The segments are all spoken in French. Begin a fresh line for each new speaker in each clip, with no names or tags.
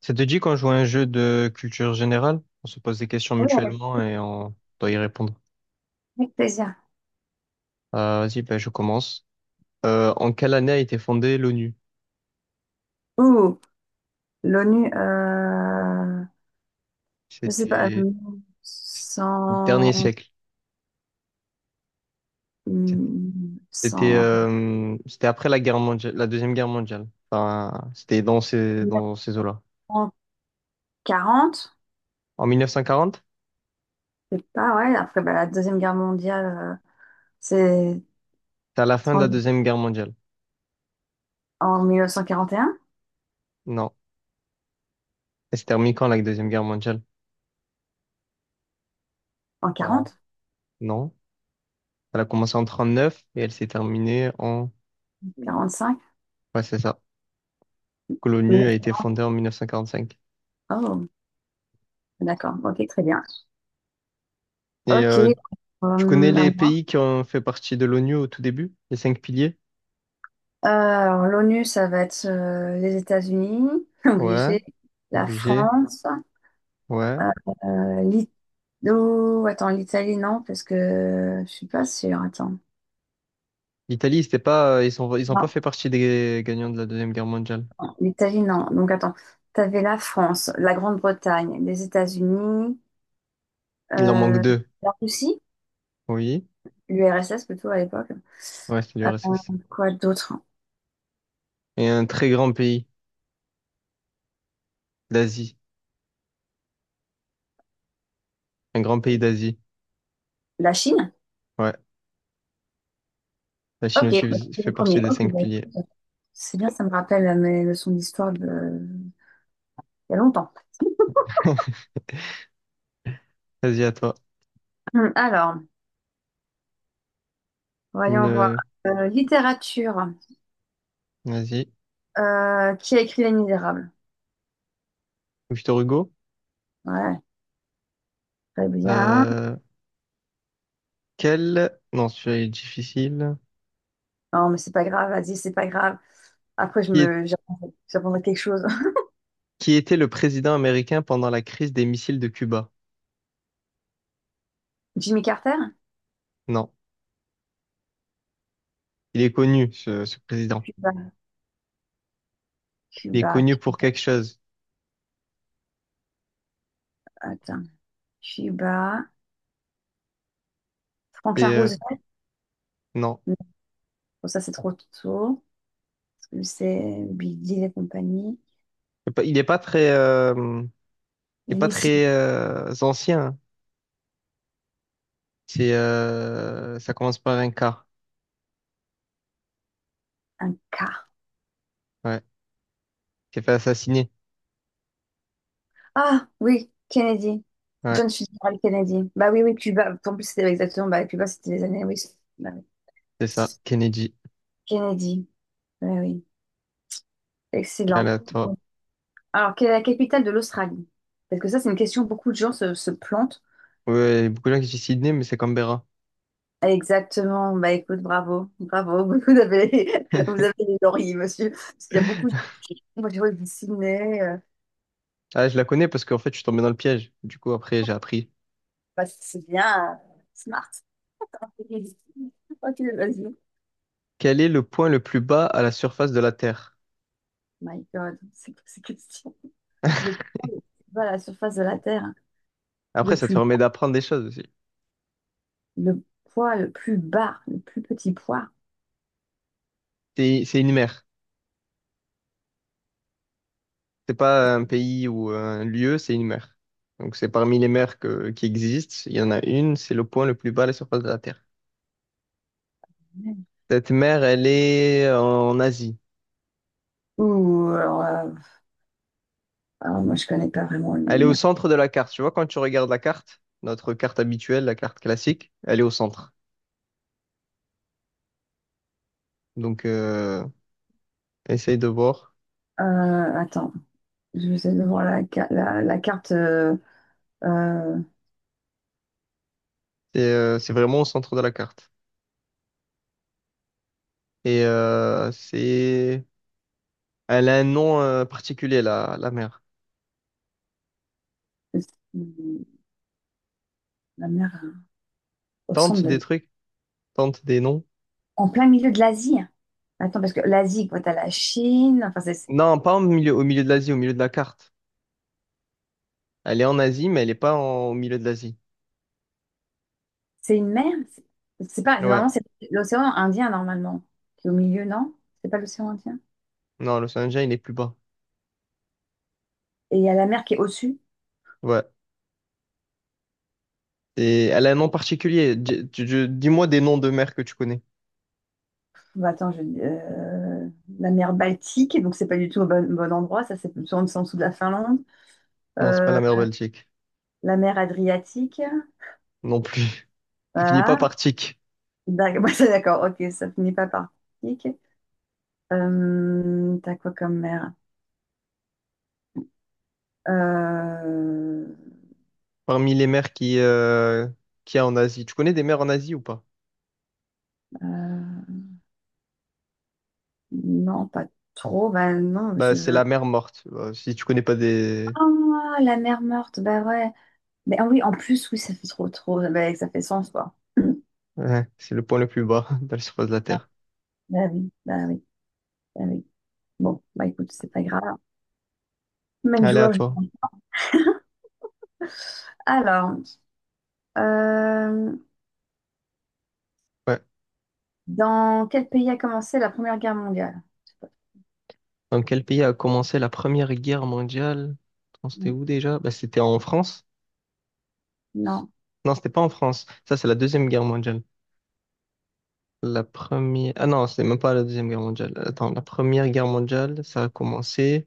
Ça te dit qu'on joue à un jeu de culture générale? On se pose des questions
Oui, avec
mutuellement et on doit y répondre.
avec plaisir.
Vas-y, ben, je commence. En quelle année a été fondée l'ONU?
Ouh, l'ONU, je sais pas,
C'était le dernier
100
siècle. C'était
100,
euh, c'était après la guerre mondiale, la Deuxième Guerre mondiale. Enfin, c'était dans ces eaux-là.
1940,
En 1940?
je sais pas, ouais, après bah, la Deuxième Guerre mondiale, c'est
C'était à la fin de la
30
Deuxième Guerre mondiale.
en 1941,
Non. Elle s'est terminée quand, la Deuxième Guerre mondiale?
en
En-
40,
Non. Elle a commencé en 39 et elle s'est terminée en...
45,
Ouais, c'est ça. Que L'ONU a été
19
fondée en 1945.
oh, d'accord, ok, très bien.
Et
Ok,
tu connais
à
les
moi.
pays qui ont fait partie de l'ONU au tout début? Les cinq piliers?
Alors, l'ONU, ça va être les États-Unis,
Ouais,
obligé, la
obligé.
France.
Ouais.
Euh, l'I- oh, attends, l'Italie, non, parce que je suis pas sûre. Attends.
L'Italie, c'était pas, ils ont pas
Non,
fait partie des gagnants de la Deuxième Guerre mondiale.
non, l'Italie, non. Donc, attends. T'avais la France, la Grande-Bretagne, les États-Unis,
Il en manque
euh,
deux.
la Russie,
Oui.
l'URSS plutôt à l'époque.
Ouais, c'est
Euh,
l'URSS.
quoi d'autre?
Et un très grand pays d'Asie. Un grand pays d'Asie.
La Chine?
Ouais. La Chine
Ok,
aussi
bah, c'était
fait
le
partie
premier.
des
Ok,
cinq
bah,
piliers.
écoute, c'est bien, ça me rappelle mes leçons d'histoire de... il y a longtemps.
Vas-y, à toi.
Alors,
Une,
voyons voir.
euh,
Littérature.
vas-y.
Qui a écrit Les Misérables?
Victor Hugo.
Ouais, très bien.
Euh, non, celui-là est difficile.
Non, mais c'est pas grave, vas-y, c'est pas grave. Après,
Qui est-
j'apprendrai quelque chose.
qui était le président américain pendant la crise des missiles de Cuba?
Jimmy Carter?
Non, il est connu, ce président.
Cuba,
Il est
Cuba,
connu pour quelque chose.
Attends. Cuba.
C'est,
Franklin
euh,
Roosevelt?
non,
Non, bon, ça, c'est trop tôt. Parce que c'est Bill Gates et compagnie.
il est pas, il est pas très, euh, il est pas
L'hémicycle,
très ancien, hein. C'est, ça commence par un K.
un quart.
Ouais, il s'est fait assassiner.
Ah, oui, Kennedy.
Ouais,
John Fitzgerald Kennedy. Bah oui, oui, Cuba. En plus, c'était exactement, bah, Cuba, c'était les années, oui. Bah oui.
c'est ça, Kennedy.
Kennedy. Bah oui.
Allez,
Excellent.
à toi.
Alors, quelle est la capitale de l'Australie? Parce que ça, c'est une question, beaucoup de gens se plantent.
Ouais, il y a beaucoup de gens qui disent Sydney, mais c'est Canberra.
Exactement. Bah écoute, bravo, bravo. Vous avez, vous avez les lauriers, monsieur. Parce qu'il y a beaucoup de. Moi, j'ai vu Sydney.
Ah, je la connais parce qu'en fait, je suis tombé dans le piège. Du coup, après, j'ai appris.
Bah, c'est bien. Smart. Ok, vas-y.
Quel est le point le plus bas à la surface de la Terre?
My God, c'est quoi ces questions? Le poids le plus bas à la surface de la Terre.
Après,
Le
ça te
plus,
permet d'apprendre des choses aussi.
le poids le plus bas, le plus petit poids.
C'est une mer. C'est pas un pays ou un lieu, c'est une mer. Donc c'est parmi les mers qui existent. Il y en a une, c'est le point le plus bas à la surface de la Terre. Cette mer, elle est en Asie.
Ouh, alors, moi, je connais pas vraiment le
Elle est au
lumière.
centre de la carte. Tu vois, quand tu regardes la carte, notre carte habituelle, la carte classique, elle est au centre. Donc essaye de voir.
Euh, Attends, je vais essayer de voir la carte. Euh,
C'est vraiment au centre de la carte. Et c'est... Elle a un nom particulier, la mer.
la mer au centre
Tente des
de.
trucs, tente des noms.
En plein milieu de l'Asie. Attends, parce que l'Asie, quoi, t'as la Chine, enfin, c'est
Non, pas au milieu, au milieu de l'Asie, au milieu de la carte. Elle est en Asie, mais elle est pas en- au milieu de l'Asie.
c'est une mer. C'est pas,
Ouais.
normalement, c'est l'océan Indien, normalement, qui est au milieu, non? C'est pas l'océan Indien?
Non, le saint il est plus bas.
Et il y a la mer qui est au-dessus.
Ouais. Et elle a un nom particulier. Dis-moi des noms de mers que tu connais.
Bah, attends, la mer Baltique, donc c'est pas du tout au bon endroit, ça c'est plutôt en dessous de la Finlande.
Non, c'est pas
Euh,
la mer Baltique.
la mer Adriatique,
Non plus. Ça finit pas
voilà.
par Tchik.
Ouais, c'est d'accord, ok, ça finit pas par Baltique. T'as quoi comme mer? Euh,
Parmi les mers qu'il y a en Asie. Tu connais des mers en Asie ou pas?
euh, Non, pas trop. Bah non,
Bah, c'est la mer morte. Bah, si tu connais pas des...
Ah, la mer morte, bah ouais. Mais ah oui, en plus, oui, ça fait trop, trop. Bah, ça fait sens, quoi.
Ouais, c'est le point le plus bas de la surface de la Terre.
Bah oui, bah oui, bah oui. Bon, bah écoute, c'est pas grave. Même
Allez, à
joueur.
toi.
Alors, euh,
Ouais.
dans quel pays a commencé la Première Guerre mondiale? Je sais pas.
Dans quel pays a commencé la Première Guerre mondiale? Attends, c'était
Non.
où déjà? Bah, c'était en France.
Non.
Non, c'était pas en France. Ça, c'est la Deuxième Guerre mondiale. La première... Ah non, c'est même pas la Deuxième Guerre mondiale. Attends, la Première Guerre mondiale, ça a commencé...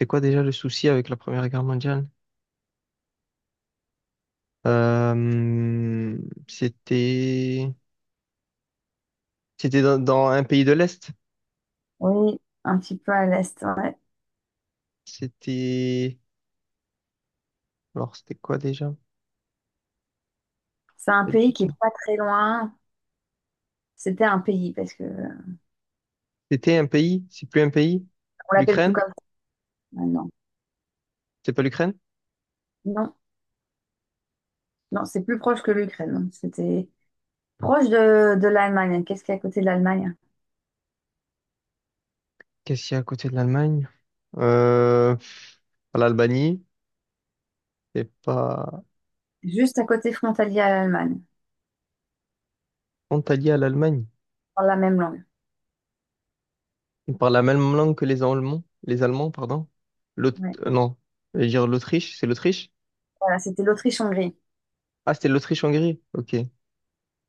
C'est quoi déjà le souci avec la Première Guerre mondiale? Euh, C'était... C'était dans un pays de l'Est.
Oui, un petit peu à l'est, ouais.
C'était... Alors, c'était quoi déjà?
C'est un
Pas du
pays qui est
tout.
pas très loin. C'était un pays parce que on
C'était un pays? C'est plus un pays?
l'appelle plus
L'Ukraine?
comme ça maintenant.
C'est pas l'Ukraine?
Non, non, c'est plus proche que l'Ukraine. C'était proche de l'Allemagne. Qu'est-ce qu'il y a à côté de l'Allemagne?
Qu'est-ce qu'il y a à côté de l'Allemagne? Pff, l'Albanie? C'est pas...
Juste à côté frontalier à l'Allemagne.
Antalya, à l'Allemagne.
Dans la même langue.
Ils parlent la même langue que les Allemands, pardon. L'aut-
Ouais.
non, je vais dire l'Autriche, c'est l'Autriche?
Voilà, c'était l'Autriche-Hongrie.
Ah, c'était l'Autriche-Hongrie. Ok,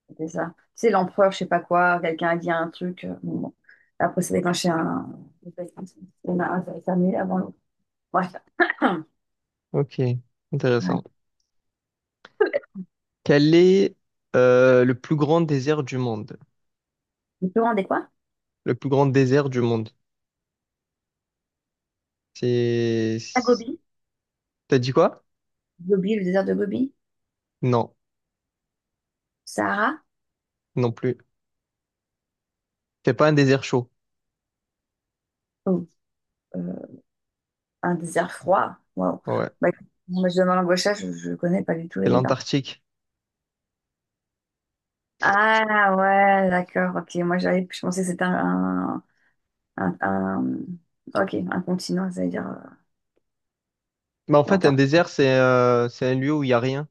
C'était ça. C'est l'empereur, je sais pas quoi. Quelqu'un a dit un truc. Bon, bon. Après, ça déclenché un. Il y en a un qui a terminé avant l'autre. Bref.
ok,
Voilà.
intéressant. Quel est le plus grand désert du monde?
Le plus grand quoi?
Le plus grand désert du monde. C'est...
À
c'est-
Gobi.
T'as dit quoi?
Gobi, le désert de Gobi.
Non,
Sahara.
non plus. C'est pas un désert chaud.
Oh, euh, un désert froid. Waouh.
Ouais,
Bah, écoute, moi, je demande l'embauchage, je ne connais pas du tout
c'est
les déserts.
l'Antarctique.
Ah ouais, d'accord, ok. Moi, je pensais que c'était un, un- ok, un continent, ça veut dire
Mais en fait, un
longtemps.
désert, c'est un lieu où il n'y a rien.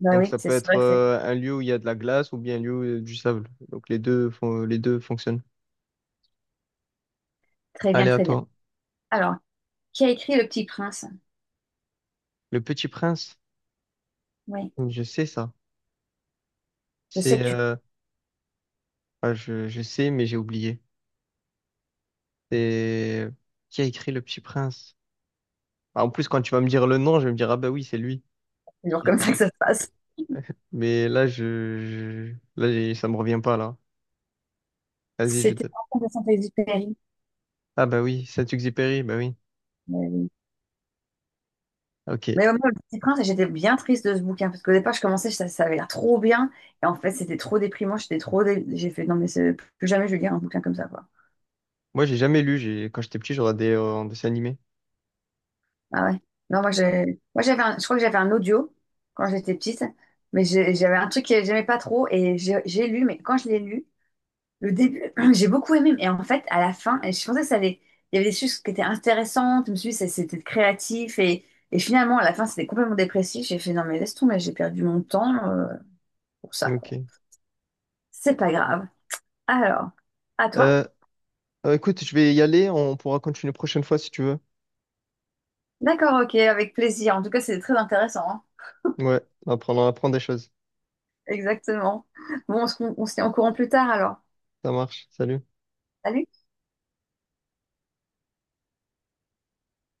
Bah
Donc
oui,
ça
c'est
peut
c'est
être
vrai que c'est
un lieu où il y a de la glace ou bien un lieu où il y a du sable. Donc les deux fonctionnent.
très bien,
Allez, à
très bien.
toi.
Alors, qui a écrit Le Petit Prince?
Le Petit Prince,
Oui,
je sais ça.
je sais
C'est,
que tu
euh, ah, je sais, mais j'ai oublié. C'est qui a écrit Le Petit Prince? Ah, en plus, quand tu vas me dire le nom, je vais me dire ah bah oui, c'est lui.
c'est toujours
Et-
comme ça que ça se passe.
Mais là, là, ça me revient pas là. Vas-y, je
C'était
te.
en de Saint-Exupéry.
Ah bah oui, Saint-Exupéry, bah oui.
Mais oui.
Ok.
Mais au moins, Le Petit Prince, j'étais bien triste de ce bouquin parce qu'au départ, je commençais, ça avait l'air trop bien. Et en fait, c'était trop déprimant, j'étais trop. J'ai fait, non, mais plus jamais je vais lire un bouquin comme ça, quoi.
Moi, j'ai jamais lu. J'ai quand j'étais petit, j'aurais des en dessin animé.
Ah ouais. Non, moi, moi, je crois que j'avais un audio quand j'étais petite, mais j'avais un truc que j'aimais pas trop et j'ai lu, mais quand je l'ai lu, le début, j'ai beaucoup aimé. Et en fait, à la fin, et je pensais que ça allait, il y avait des choses qui étaient intéressantes, je me suis dit, c'était créatif et finalement, à la fin, c'était complètement dépressif. J'ai fait, non, mais laisse tomber, j'ai perdu mon temps pour ça, quoi.
Ok.
C'est pas grave. Alors, à toi?
Euh, écoute, je vais y aller. On pourra continuer prochaine fois si tu veux.
D'accord, ok, avec plaisir. En tout cas, c'était très intéressant, hein.
Ouais. On apprend des choses.
Exactement. Bon, on se tient au courant plus tard alors.
Ça marche. Salut.
Salut